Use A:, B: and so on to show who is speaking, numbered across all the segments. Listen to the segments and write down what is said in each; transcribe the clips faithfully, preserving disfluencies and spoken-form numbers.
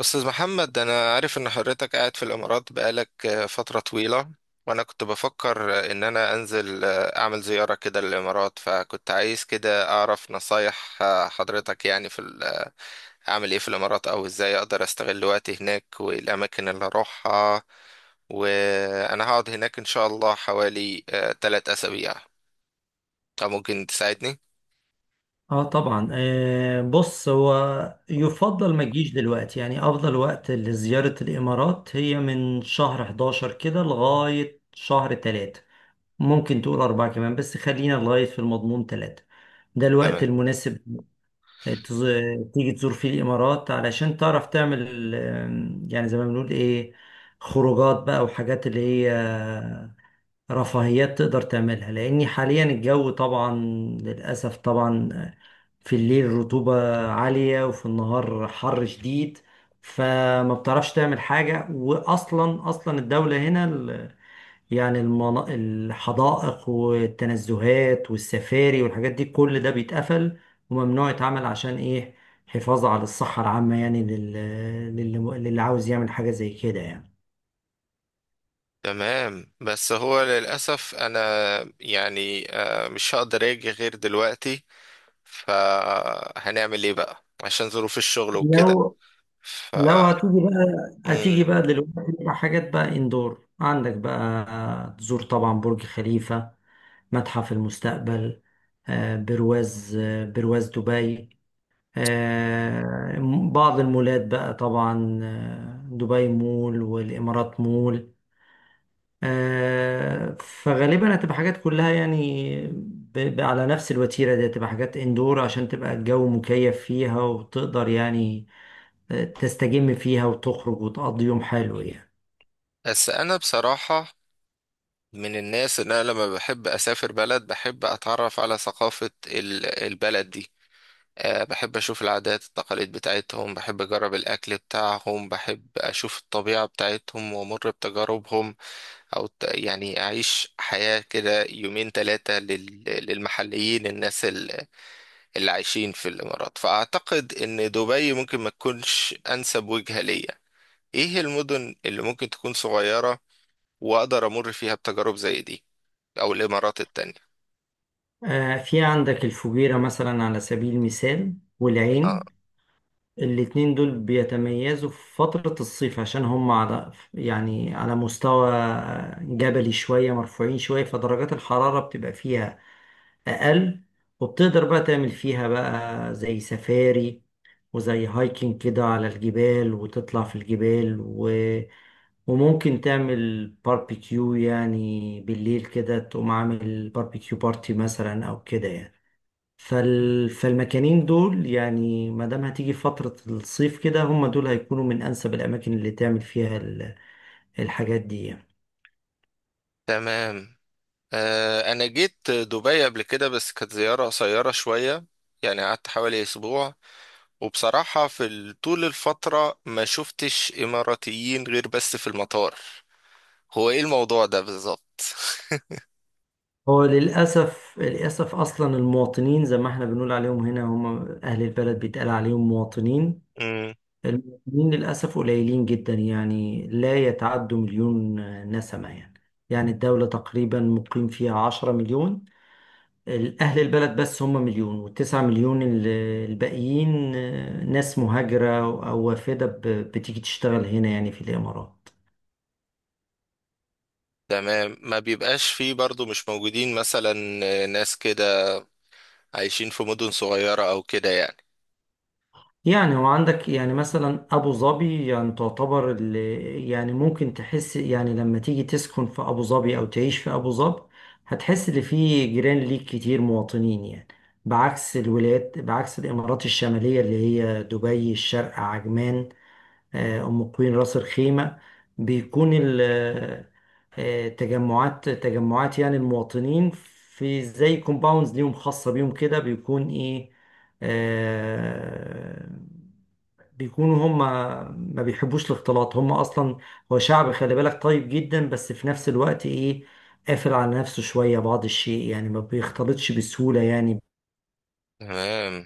A: أستاذ محمد، أنا عارف إن حضرتك قاعد في الإمارات بقالك آه، فترة طويلة. وأنا كنت بفكر آه، إن أنا أنزل آه، أعمل زيارة كده للإمارات، فكنت عايز كده أعرف نصايح آه، حضرتك يعني في ال- أعمل إيه في الإمارات، أو إزاي أقدر أستغل وقتي هناك والأماكن اللي أروحها. وأنا هقعد هناك إن شاء الله حوالي آه، تلات أسابيع. فممكن تساعدني؟
B: اه طبعا، آه بص. هو يفضل ما تجيش دلوقتي، يعني افضل وقت لزيارة الامارات هي من شهر أحد عشر كده لغاية شهر تلاتة. ممكن تقول أربعة كمان بس خلينا لغاية في المضمون تلاتة. ده الوقت
A: تمام،
B: المناسب تز- تيجي تزور فيه الامارات علشان تعرف تعمل، آه، يعني زي ما بنقول ايه، خروجات بقى وحاجات اللي هي رفاهيات تقدر تعملها، لأني حاليا الجو طبعا للأسف طبعا في الليل رطوبة عالية وفي النهار حر شديد. فما بتعرفش تعمل حاجة، وأصلا أصلا الدولة هنا ال- يعني المنا- الحدائق والتنزهات والسفاري والحاجات دي كل ده بيتقفل وممنوع يتعمل. عشان إيه؟ حفاظ على الصحة العامة، يعني لل- للي للي عاوز يعمل حاجة زي كده يعني.
A: تمام. بس هو للأسف أنا يعني آه، مش هقدر أجي غير دلوقتي، فهنعمل ايه بقى عشان ظروف الشغل وكده؟
B: لو
A: ف
B: لو هتيجي بقى،
A: مم.
B: هتيجي بقى دلوقتي بقى حاجات بقى اندور عندك بقى تزور طبعا برج خليفة، متحف المستقبل، آه، برواز آه، برواز دبي، آه، بعض المولات بقى طبعا، آه، دبي مول والإمارات مول. آه، فغالبا هتبقى حاجات كلها يعني ب- ب- على نفس الوتيرة دي، هتبقى حاجات اندور عشان تبقى الجو مكيف فيها وتقدر يعني تستجم فيها وتخرج وتقضي يوم حلو يعني.
A: بس انا بصراحة من الناس ان انا لما بحب اسافر بلد بحب اتعرف على ثقافة ال- البلد دي. أه، بحب اشوف العادات التقاليد بتاعتهم، بحب اجرب الاكل بتاعهم، بحب اشوف الطبيعة بتاعتهم وامر بتجاربهم، او ت- يعني اعيش حياة كده يومين ثلاثة للمحليين، الناس اللي عايشين في الإمارات. فأعتقد إن دبي ممكن ما تكونش أنسب وجهة ليا. إيه المدن اللي ممكن تكون صغيرة وأقدر أمر فيها بتجارب زي دي، أو الإمارات التانية؟
B: آه، في عندك الفجيرة مثلا على سبيل المثال،
A: آه.
B: والعين. الاتنين دول بيتميزوا في فترة الصيف، عشان هم على يعني على مستوى جبلي شوية، مرفوعين شوية، فدرجات الحرارة بتبقى فيها اقل. وبتقدر بقى تعمل فيها بقى زي سفاري وزي هايكنج كده على الجبال، وتطلع في الجبال، و... وممكن تعمل باربيكيو يعني بالليل كده، تقوم عامل باربيكيو بارتي مثلا او كده يعني. فال... فالمكانين دول يعني، ما دام هتيجي فترة الصيف كده، هم دول هيكونوا من انسب الاماكن اللي تعمل فيها ال- الحاجات دي يعني.
A: تمام. آه، أنا جيت دبي قبل كده بس كانت زيارة قصيرة شوية، يعني قعدت حوالي أسبوع. وبصراحة في ال- طول الفترة ما شفتش إماراتيين غير بس في المطار. هو إيه الموضوع ده بالظبط؟
B: هو للأسف للأسف أصلا المواطنين زي ما احنا بنقول عليهم هنا هم أهل البلد، بيتقال عليهم مواطنين. المواطنين للأسف قليلين جدا، يعني لا يتعدوا مليون نسمة يعني. يعني الدولة تقريبا مقيم فيها عشرة مليون، أهل البلد بس هم مليون، والتسعة مليون ال- الباقيين ناس مهاجرة أو وافدة، ب- بتيجي تشتغل هنا يعني في الإمارات.
A: تمام. ما بيبقاش فيه برضو؟ مش موجودين مثلا ناس كده عايشين في مدن صغيرة أو كده يعني؟
B: يعني وعندك يعني مثلا ابو ظبي يعني تعتبر ال- يعني ممكن تحس يعني لما تيجي تسكن في ابو ظبي او تعيش في ابو ظبي، هتحس ان في جيران ليك كتير مواطنين يعني، بعكس الولايات، بعكس الامارات الشمالية اللي هي دبي، الشارقة، عجمان، آه، أم قوين، راس الخيمة. بيكون ال- آه، آه، تجمعات تجمعات يعني المواطنين، في زي كومباوندز ليهم خاصة بيهم كده. بيكون إيه؟ آه، بيكونوا هم ما بيحبوش الاختلاط هم أصلا. هو شعب، خلي بالك، طيب جدا بس في نفس الوقت إيه؟ قافل على نفسه شوية، بعض الشيء يعني، ما بيختلطش بسهولة يعني
A: تمام.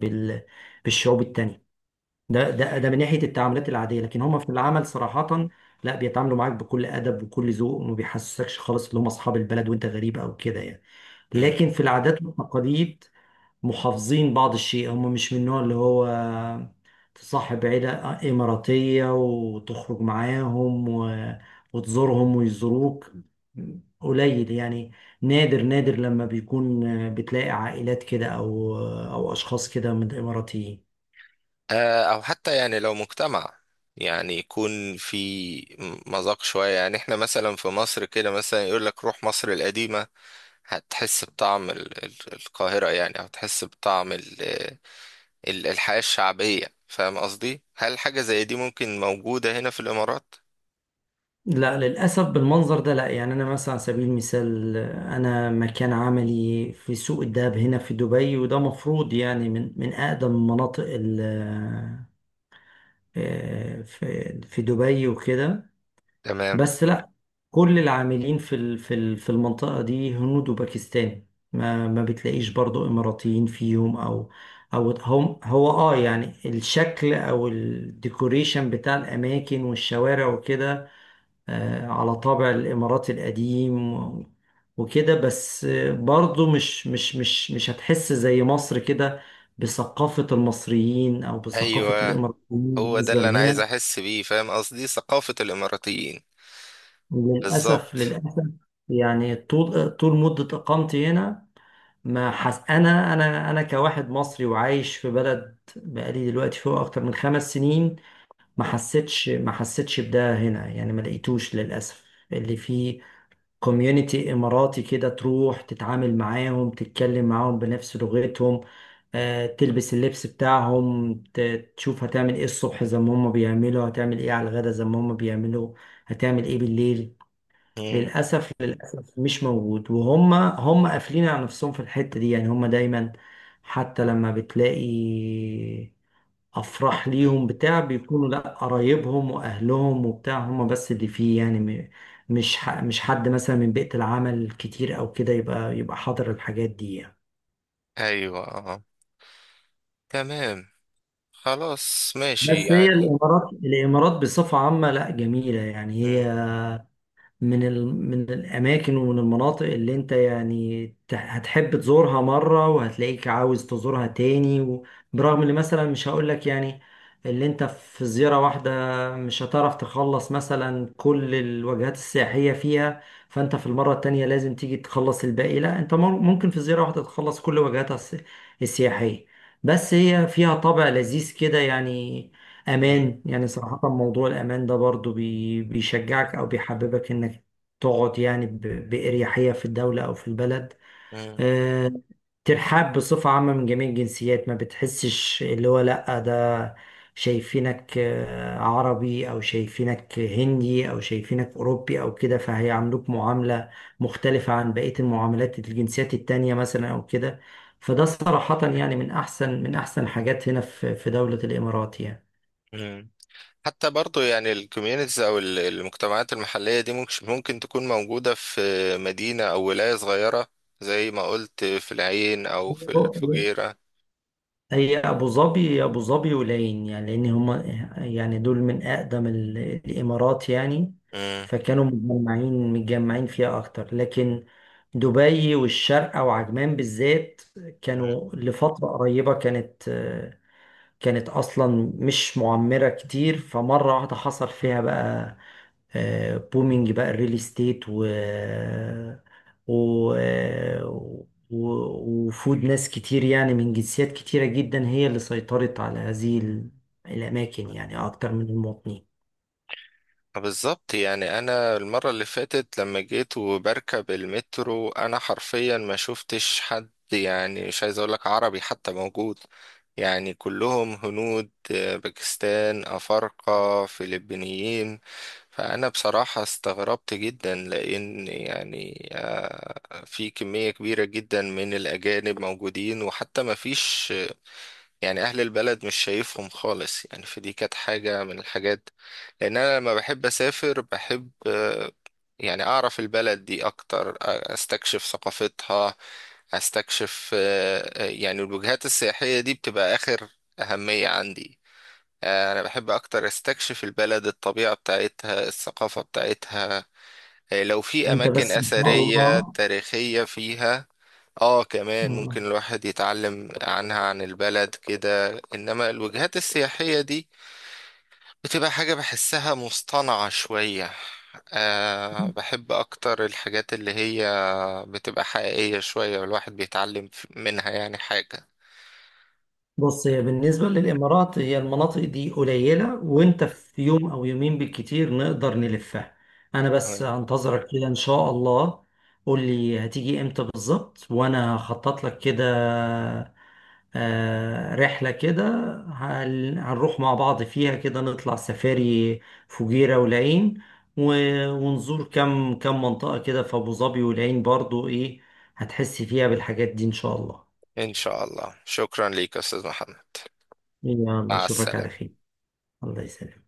B: بال- بالشعوب التانية. ده ده ده من ناحيه التعاملات العاديه، لكن هم في العمل صراحه لا، بيتعاملوا معاك بكل ادب وكل ذوق، وما بيحسسكش خالص ان هم اصحاب البلد وانت غريب او كده يعني.
A: مم.
B: لكن في العادات والتقاليد محافظين بعض الشيء، هم مش من النوع اللي هو تصاحب عيلة إماراتية وتخرج معاهم و... وتزورهم ويزوروك، قليل يعني، نادر نادر لما بيكون بتلاقي عائلات كده أو أو أشخاص كده من الإماراتيين.
A: آه، أو حتى يعني لو مجتمع يعني يكون في م- مذاق شوية. يعني احنا مثلا في مصر كده، مثلا يقول لك روح مصر القديمة، هتحس بطعم ال- ال- القاهرة، يعني أو تحس بطعم ال- ال- الحياة الشعبية. فاهم قصدي؟ هل حاجة زي دي ممكن موجودة هنا في الإمارات؟
B: لا، للأسف بالمنظر ده لا، يعني أنا مثلا على سبيل المثال أنا مكان عملي في سوق الذهب هنا في دبي، وده مفروض يعني من من أقدم المناطق ال- آه، في في دبي وكده،
A: تمام.
B: بس لا. كل العاملين في ال- في ال- في المنطقة دي هنود وباكستاني، ما ما بتلاقيش برضو إماراتيين فيهم، أو أو هم هو آه يعني الشكل أو الديكوريشن بتاع الأماكن والشوارع وكده، آه، على طابع الإمارات القديم و- وكده، بس آه، برضو مش مش مش مش هتحس زي مصر كده بثقافة المصريين أو بثقافة
A: أيوه،
B: الإماراتيين
A: هو ده
B: بالنسبة
A: اللي انا عايز
B: لهنا.
A: احس بيه، فاهم قصدي؟ ثقافة الاماراتيين.
B: للأسف
A: بالظبط.
B: للأسف، يعني طول طول مدة إقامتي هنا ما حس، أنا أنا أنا كواحد مصري وعايش في بلد بقالي دلوقتي فوق أكتر من خمس سنين، ما حسيتش ما حسيتش بده هنا، يعني ما لقيتوش للأسف اللي فيه كوميونيتي إماراتي كده، تروح تتعامل معاهم، تتكلم معاهم بنفس لغتهم، آه، تلبس اللبس بتاعهم، ت- تشوف هتعمل ايه الصبح زي ما هم بيعملوا، هتعمل ايه على الغدا زي ما هم بيعملوا، هتعمل ايه بالليل.
A: مم.
B: للأسف للأسف مش موجود، وهم هم قافلين على نفسهم في الحتة دي يعني، هم دايما حتى لما بتلاقي افراح
A: مم.
B: ليهم بتاع، بيكونوا لا قرايبهم واهلهم وبتاع هم بس اللي فيه، يعني م- مش ح- مش حد مثلا من بيئة العمل كتير او كده يبقى يبقى حاضر الحاجات دي يعني.
A: ايوه. آه. تمام. خلاص، ماشي
B: بس هي
A: يعني.
B: الامارات الامارات بصفة عامة لا، جميلة يعني.
A: مم.
B: هي من ال... من الأماكن ومن المناطق اللي أنت يعني ت- هتحب تزورها مرة، وهتلاقيك عاوز تزورها تاني و... برغم إن مثلا مش هقولك يعني اللي أنت في زيارة واحدة مش هتعرف تخلص مثلا كل الوجهات السياحية فيها، فأنت في المرة التانية لازم تيجي تخلص الباقي. لا، أنت مر- ممكن في زيارة واحدة تخلص كل وجهاتها الس- السياحية. بس هي فيها طابع لذيذ كده يعني،
A: مم.
B: امان يعني صراحة، موضوع الامان ده برضو بي بيشجعك او بيحببك انك تقعد يعني ب- باريحية في الدولة او في البلد.
A: مم.
B: آه، ترحاب بصفة عامة من جميع الجنسيات، ما بتحسش اللي هو لأ ده شايفينك آه، عربي، أو شايفينك هندي، أو شايفينك أوروبي أو كده، فهيعاملوك معاملة مختلفة عن بقية المعاملات، الجنسيات التانية مثلا أو كده، فده صراحة يعني من أحسن من أحسن حاجات هنا في في دولة الإمارات يعني.
A: مم. حتى برضو يعني الكوميونيتيز او ال- المجتمعات المحلية دي ممكن ممكن تكون موجودة في مدينة او ولاية صغيرة، زي ما قلت في العين او في الفجيرة.
B: هي ابو ظبي هي ابو ظبي والعين، يعني لان هما يعني دول من اقدم ال- الامارات يعني، فكانوا متجمعين متجمعين فيها اكتر، لكن دبي والشارقة وعجمان بالذات
A: مم.
B: كانوا لفترة قريبة، كانت كانت اصلا مش معمره كتير، فمره واحده حصل فيها بقى آه، بومينج بقى الريل استيت، و و و- وفود ناس كتير يعني من جنسيات كتيرة جدا، هي اللي سيطرت على هذه ال- الأماكن يعني أكتر من المواطنين.
A: بالظبط. يعني انا المرة اللي فاتت لما جيت وبركب المترو، انا حرفيا ما شفتش حد، يعني مش عايز اقولك عربي حتى موجود. يعني كلهم هنود، آه، باكستان، افارقة، فلبينيين. فانا بصراحة استغربت جدا، لان يعني آه، في كمية كبيرة جدا من الاجانب موجودين، وحتى ما فيش يعني اهل البلد، مش شايفهم خالص يعني. فدي كانت حاجة من الحاجات، لان انا لما بحب اسافر بحب آه، يعني اعرف البلد دي اكتر، آه، استكشف ثقافتها، استكشف. آه، آه، يعني الوجهات السياحية دي بتبقى اخر اهمية عندي. آه، انا بحب اكتر استكشف البلد، الطبيعة بتاعتها، الثقافة بتاعتها، آه، لو في
B: أنت
A: اماكن
B: بس إن شاء
A: اثرية
B: الله.
A: تاريخية فيها. اه، كمان
B: آه.
A: ممكن الواحد يتعلم عنها، عن البلد كده. انما الوجهات السياحية دي بتبقى حاجة بحسها مصطنعة شوية. أه، بحب أكتر الحاجات اللي هي بتبقى حقيقية شوية، والواحد بيتعلم ف- منها يعني حاجة.
B: بص، هي بالنسبة للإمارات هي المناطق دي قليلة، وأنت في يوم أو يومين بالكتير نقدر نلفها. أنا بس
A: تمام.
B: هنتظرك كده إن شاء الله، قول لي هتيجي إمتى بالظبط، وأنا هخطط لك كده آه، رحلة كده، هن- هنروح مع بعض فيها كده، نطلع سفاري فجيرة والعين، و- ونزور كم كم منطقة كده في أبو ظبي والعين، برضو إيه؟ هتحس فيها بالحاجات دي إن شاء الله.
A: إن شاء الله. شكرا ليك يا أستاذ محمد.
B: يلا
A: مع
B: أشوفك على
A: السلامة.
B: خير، الله يسلمك.